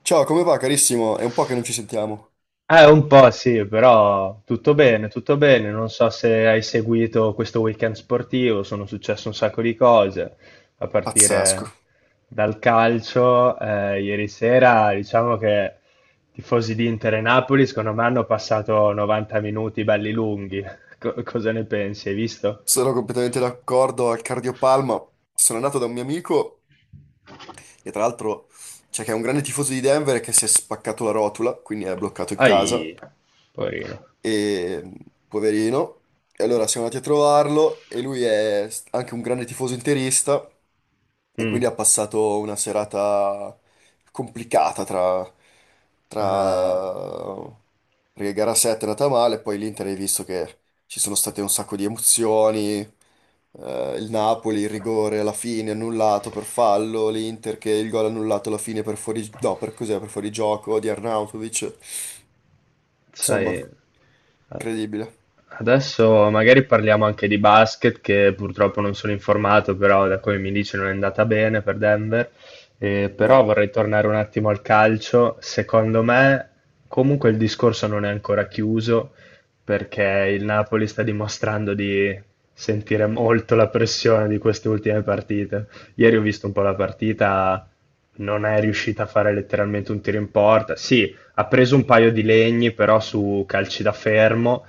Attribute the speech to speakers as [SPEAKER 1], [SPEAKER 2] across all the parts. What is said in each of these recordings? [SPEAKER 1] Ciao, come va carissimo? È un po' che non ci sentiamo.
[SPEAKER 2] Un po' sì, però tutto bene, tutto bene. Non so se hai seguito questo weekend sportivo, sono successe un sacco di cose, a
[SPEAKER 1] Pazzesco.
[SPEAKER 2] partire dal calcio. Ieri sera, diciamo che i tifosi di Inter e Napoli, secondo me, hanno passato 90 minuti belli lunghi. Cosa ne pensi? Hai visto?
[SPEAKER 1] Sono completamente d'accordo al cardiopalma. Sono andato da un mio amico, che tra l'altro, cioè, che è un grande tifoso di Denver e che si è spaccato la rotula, quindi è bloccato in casa.
[SPEAKER 2] Ai, poverino.
[SPEAKER 1] E poverino. E allora siamo andati a trovarlo e lui è anche un grande tifoso interista. E
[SPEAKER 2] Mm.
[SPEAKER 1] quindi ha passato una serata complicata
[SPEAKER 2] Ah,
[SPEAKER 1] tra... Perché gara 7 è andata male, poi l'Inter hai visto che ci sono state un sacco di emozioni, il Napoli, il rigore alla fine annullato per fallo, l'Inter che il gol annullato alla fine No, per cos'è? Per fuorigioco di Arnautovic.
[SPEAKER 2] sai.
[SPEAKER 1] Insomma, incredibile.
[SPEAKER 2] Adesso magari parliamo anche di basket, che purtroppo non sono informato, però da come mi dici non è andata bene per Denver. Però
[SPEAKER 1] No,
[SPEAKER 2] vorrei tornare un attimo al calcio. Secondo me, comunque il discorso non è ancora chiuso, perché il Napoli sta dimostrando di sentire molto la pressione di queste ultime partite. Ieri ho visto un po' la partita, non è riuscita a fare letteralmente un tiro in porta. Sì, ha preso un paio di legni, però su calci da fermo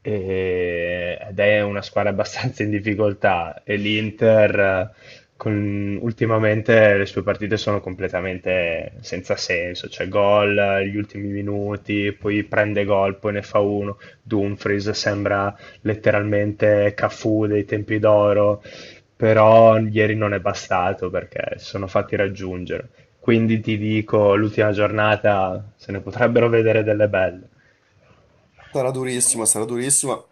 [SPEAKER 2] ed è una squadra abbastanza in difficoltà e l'Inter ultimamente le sue partite sono completamente senza senso, cioè gol, gli ultimi minuti, poi prende gol, poi ne fa uno, Dumfries sembra letteralmente Cafu dei tempi d'oro, però ieri non è bastato perché si sono fatti raggiungere. Quindi ti dico, l'ultima giornata se ne potrebbero vedere delle belle.
[SPEAKER 1] sarà durissima, sarà durissima.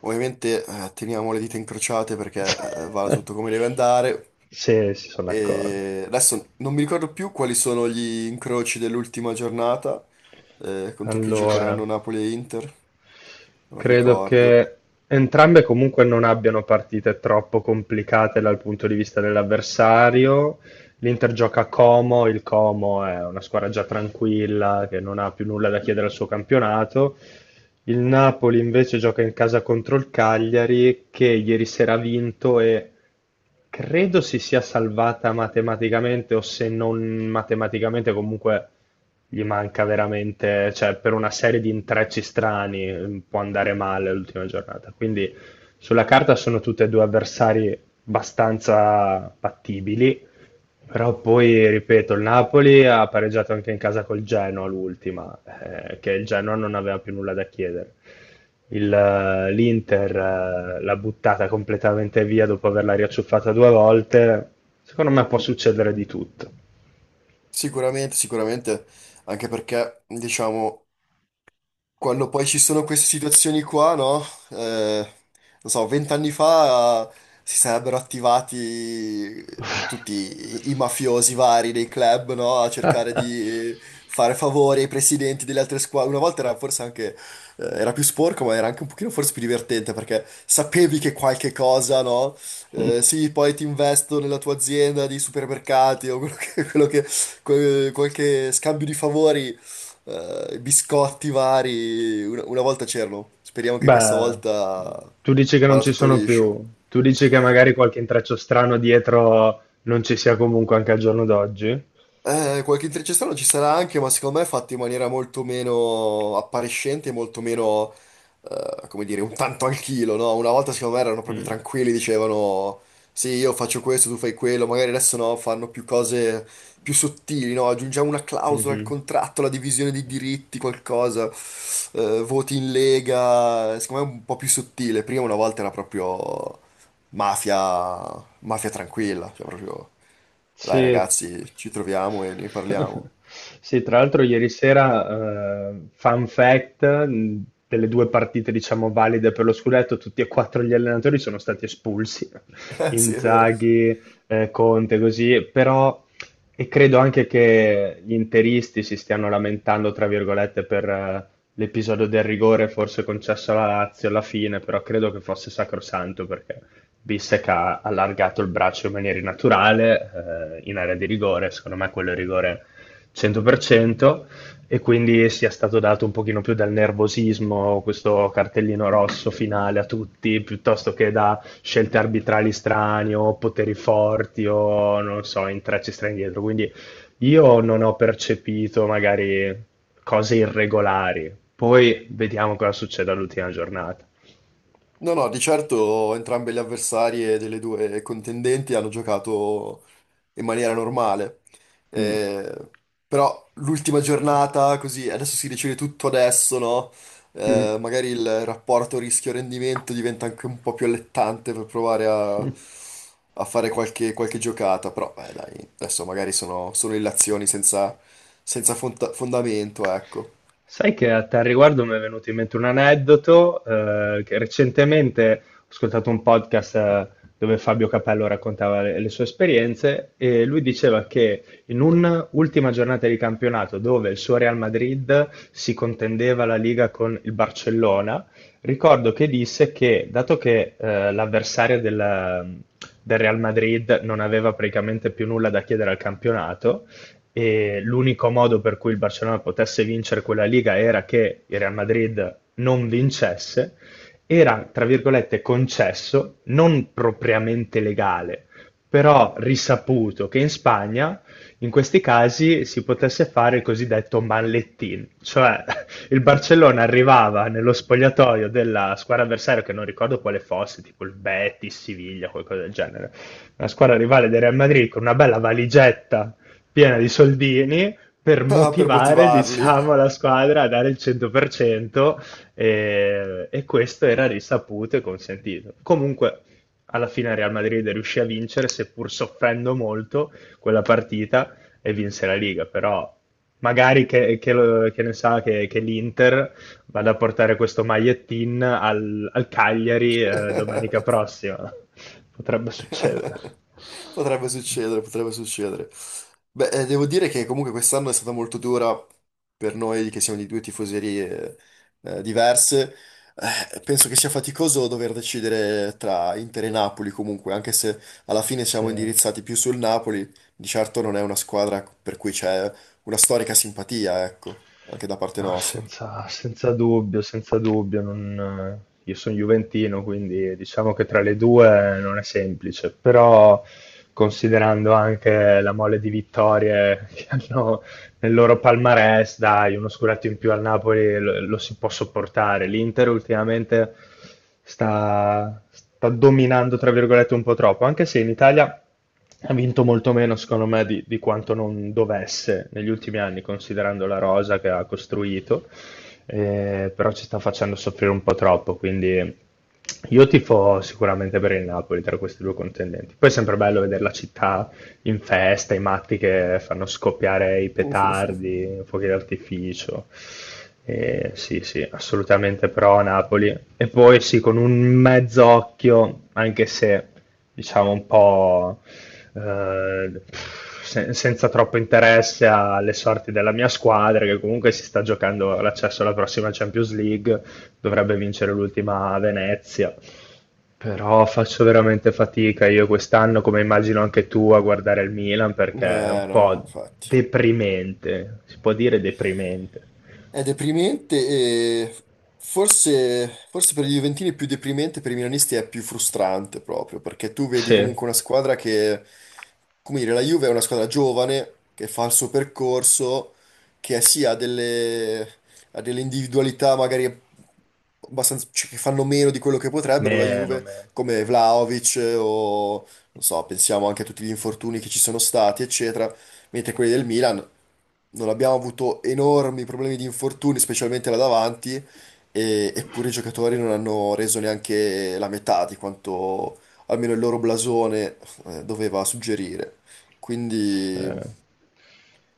[SPEAKER 1] Ovviamente teniamo le dita incrociate perché vada tutto come deve andare.
[SPEAKER 2] Sì, si sono d'accordo.
[SPEAKER 1] E adesso non mi ricordo più quali sono gli incroci dell'ultima giornata, contro chi
[SPEAKER 2] Allora,
[SPEAKER 1] giocheranno Napoli e Inter, non
[SPEAKER 2] credo
[SPEAKER 1] ricordo.
[SPEAKER 2] che entrambe comunque non abbiano partite troppo complicate dal punto di vista dell'avversario. L'Inter gioca a Como, il Como è una squadra già tranquilla che non ha più nulla da chiedere al suo campionato. Il Napoli invece gioca in casa contro il Cagliari che ieri sera ha vinto e credo si sia salvata matematicamente o se non matematicamente comunque gli manca veramente, cioè per una serie di intrecci strani, può andare male l'ultima giornata. Quindi sulla carta sono tutte e due avversari abbastanza battibili, però poi, ripeto, il Napoli ha pareggiato anche in casa col Genoa l'ultima, che il Genoa non aveva più nulla da chiedere. L'Inter l'ha buttata completamente via dopo averla riacciuffata due volte. Secondo me può succedere di tutto.
[SPEAKER 1] Sicuramente, sicuramente, anche perché, diciamo, quando poi ci sono queste situazioni qua, no? Eh, Non so, vent'anni fa si sarebbero attivati tutti i mafiosi vari dei club, no? A cercare di fare favori ai presidenti delle altre squadre. Una volta era forse anche, era più sporco, ma era anche un pochino forse più divertente perché sapevi che qualche cosa, no? Sì, poi ti investo nella tua azienda di supermercati o qualche scambio di favori, biscotti vari. Una volta c'erano. Speriamo che questa
[SPEAKER 2] Beh,
[SPEAKER 1] volta
[SPEAKER 2] tu dici che non
[SPEAKER 1] vada
[SPEAKER 2] ci
[SPEAKER 1] tutto
[SPEAKER 2] sono
[SPEAKER 1] liscio.
[SPEAKER 2] più, tu dici che magari qualche intreccio strano dietro non ci sia comunque anche al giorno d'oggi?
[SPEAKER 1] Qualche intrecciazione ci sarà anche, ma secondo me è fatto in maniera molto meno appariscente, molto meno, come dire, un tanto al chilo, no? Una volta secondo me erano proprio
[SPEAKER 2] Mm,
[SPEAKER 1] tranquilli, dicevano sì, io faccio questo, tu fai quello, magari adesso no, fanno più cose più sottili, no? Aggiungiamo una clausola al
[SPEAKER 2] mhm.
[SPEAKER 1] contratto, la divisione di diritti, qualcosa, voti in lega, secondo me è un po' più sottile. Prima una volta era proprio mafia, mafia tranquilla, cioè proprio... Dai
[SPEAKER 2] Sì.
[SPEAKER 1] ragazzi, ci troviamo e ne parliamo.
[SPEAKER 2] Sì, tra l'altro ieri sera, fun fact, delle due partite diciamo valide per lo scudetto, tutti e quattro gli allenatori sono stati espulsi.
[SPEAKER 1] Sì, è vero.
[SPEAKER 2] Inzaghi, Conte, così, però e credo anche che gli interisti si stiano lamentando, tra virgolette, per l'episodio del rigore forse concesso alla Lazio alla fine, però credo che fosse sacrosanto perché viste che ha allargato il braccio in maniera innaturale, in area di rigore, secondo me quello è rigore 100%, e quindi sia stato dato un pochino più dal nervosismo, questo cartellino rosso finale a tutti, piuttosto che da scelte arbitrali strane o poteri forti o, non so, intrecci strani dietro. Quindi io non ho percepito magari cose irregolari. Poi vediamo cosa succede all'ultima giornata.
[SPEAKER 1] No, no, di certo entrambe le avversarie delle due contendenti hanno giocato in maniera normale.
[SPEAKER 2] Mm.
[SPEAKER 1] Eh, Però l'ultima giornata, così, adesso si decide tutto adesso, no?
[SPEAKER 2] Mm.
[SPEAKER 1] Magari il rapporto rischio-rendimento diventa anche un po' più allettante per provare a, a fare qualche, qualche giocata. Però, beh, dai, adesso magari sono, sono illazioni senza, fondamento, ecco.
[SPEAKER 2] Sai che a tal riguardo mi è venuto in mente un aneddoto, che recentemente ho ascoltato un podcast, dove Fabio Capello raccontava le sue esperienze e lui diceva che in un'ultima giornata di campionato dove il suo Real Madrid si contendeva la Liga con il Barcellona, ricordo che disse che dato che l'avversario del Real Madrid non aveva praticamente più nulla da chiedere al campionato, e l'unico modo per cui il Barcellona potesse vincere quella Liga era che il Real Madrid non vincesse, era, tra virgolette, concesso, non propriamente legale, però risaputo che in Spagna in questi casi si potesse fare il cosiddetto mallettin, cioè, il Barcellona arrivava nello spogliatoio della squadra avversaria, che non ricordo quale fosse, tipo il Betis, Siviglia, qualcosa del genere, una squadra rivale del Real Madrid con una bella valigetta piena di soldini per
[SPEAKER 1] Ah, per
[SPEAKER 2] motivare,
[SPEAKER 1] motivarli.
[SPEAKER 2] diciamo, la squadra a dare il 100%, e questo era risaputo e consentito. Comunque, alla fine Real Madrid riuscì a vincere, seppur soffrendo molto quella partita, e vinse la Liga, però magari che ne sa che l'Inter vada a portare questo magliettin al, al Cagliari, domenica prossima. Potrebbe succedere.
[SPEAKER 1] Potrebbe succedere, potrebbe succedere. Beh, devo dire che comunque quest'anno è stata molto dura per noi che siamo di due tifoserie diverse. Penso che sia faticoso dover decidere tra Inter e Napoli comunque, anche se alla fine siamo
[SPEAKER 2] Sì.
[SPEAKER 1] indirizzati più sul Napoli, di certo non è una squadra per cui c'è una storica simpatia, ecco, anche da parte
[SPEAKER 2] No,
[SPEAKER 1] nostra.
[SPEAKER 2] senza, senza dubbio, senza dubbio. Io sono juventino, quindi diciamo che tra le due non è semplice, però considerando anche la mole di vittorie che hanno, nel loro palmarès, dai, uno scudetto in più al Napoli lo, lo si può sopportare. L'Inter ultimamente sta dominando, tra virgolette, un po' troppo, anche se in Italia ha vinto molto meno, secondo me, di quanto non dovesse negli ultimi anni, considerando la rosa che ha costruito, però ci sta facendo soffrire un po' troppo, quindi... Io tifo sicuramente per il Napoli tra questi due contendenti. Poi è sempre bello vedere la città in festa, i matti che fanno scoppiare i petardi, fuochi d'artificio. Sì, sì, assolutamente pro a Napoli. E poi sì, con un mezz'occhio, anche se diciamo un po', eh, senza troppo interesse alle sorti della mia squadra, che comunque si sta giocando l'accesso alla prossima Champions League, dovrebbe vincere l'ultima a Venezia. Però faccio veramente fatica io quest'anno, come immagino anche tu, a guardare il Milan perché è un
[SPEAKER 1] Eh no,
[SPEAKER 2] po'
[SPEAKER 1] infatti.
[SPEAKER 2] deprimente, si può dire deprimente.
[SPEAKER 1] È deprimente e forse, forse per i Juventini è più deprimente, per i Milanisti è più frustrante proprio, perché tu vedi
[SPEAKER 2] Sì,
[SPEAKER 1] comunque una squadra che, come dire, la Juve è una squadra giovane, che fa il suo percorso, che sì, ha delle individualità magari abbastanza, cioè, che fanno meno di quello che potrebbero la
[SPEAKER 2] meno,
[SPEAKER 1] Juve,
[SPEAKER 2] meno.
[SPEAKER 1] come Vlahovic o, non so, pensiamo anche a tutti gli infortuni che ci sono stati, eccetera, mentre quelli del Milan non abbiamo avuto enormi problemi di infortuni, specialmente là davanti, eppure i giocatori non hanno reso neanche la metà di quanto almeno il loro blasone doveva suggerire.
[SPEAKER 2] Sì.
[SPEAKER 1] Quindi,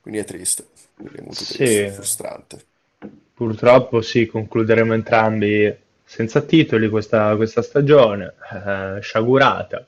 [SPEAKER 1] quindi è triste, quindi è molto
[SPEAKER 2] Sì,
[SPEAKER 1] triste, frustrante.
[SPEAKER 2] purtroppo sì, concluderemo entrambi senza titoli questa, questa stagione, sciagurata.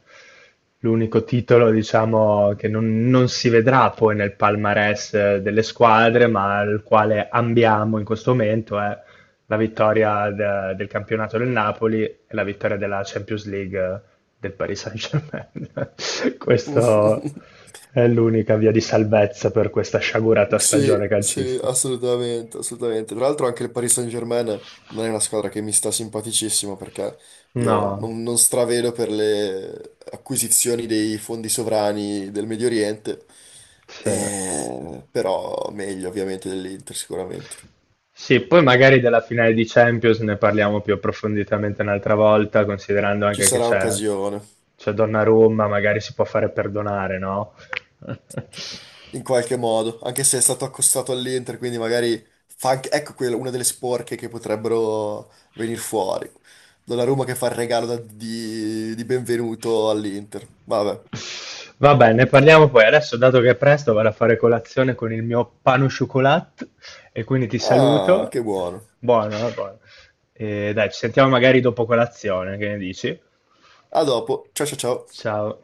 [SPEAKER 2] L'unico titolo, diciamo, che non, non si vedrà poi nel palmarès, delle squadre, ma al quale ambiamo in questo momento è la vittoria del campionato del Napoli e la vittoria della Champions League del Paris Saint-Germain. Questo è l'unica via di salvezza per questa sciagurata
[SPEAKER 1] Sì,
[SPEAKER 2] stagione
[SPEAKER 1] sì,
[SPEAKER 2] calcistica.
[SPEAKER 1] assolutamente, assolutamente. Tra l'altro anche il Paris Saint-Germain non è una squadra che mi sta simpaticissima perché io
[SPEAKER 2] No,
[SPEAKER 1] non stravedo per le acquisizioni dei fondi sovrani del Medio Oriente.
[SPEAKER 2] sì.
[SPEAKER 1] Però meglio ovviamente dell'Inter sicuramente.
[SPEAKER 2] Sì, poi magari della finale di Champions ne parliamo più approfonditamente un'altra volta, considerando
[SPEAKER 1] Ci
[SPEAKER 2] anche
[SPEAKER 1] sarà occasione.
[SPEAKER 2] c'è Donnarumma, magari si può fare perdonare, no?
[SPEAKER 1] In qualche modo, anche se è stato accostato all'Inter, quindi magari fa anche, ecco quella, una delle sporche che potrebbero venire fuori. Donnarumma che fa il regalo di benvenuto all'Inter. Vabbè.
[SPEAKER 2] Vabbè, ne parliamo poi. Adesso, dato che è presto, vado a fare colazione con il mio pan au chocolat e quindi ti
[SPEAKER 1] Ah,
[SPEAKER 2] saluto.
[SPEAKER 1] che buono.
[SPEAKER 2] Buono, buono. E dai, ci sentiamo magari dopo colazione, che ne dici?
[SPEAKER 1] A dopo. Ciao ciao ciao.
[SPEAKER 2] Ciao.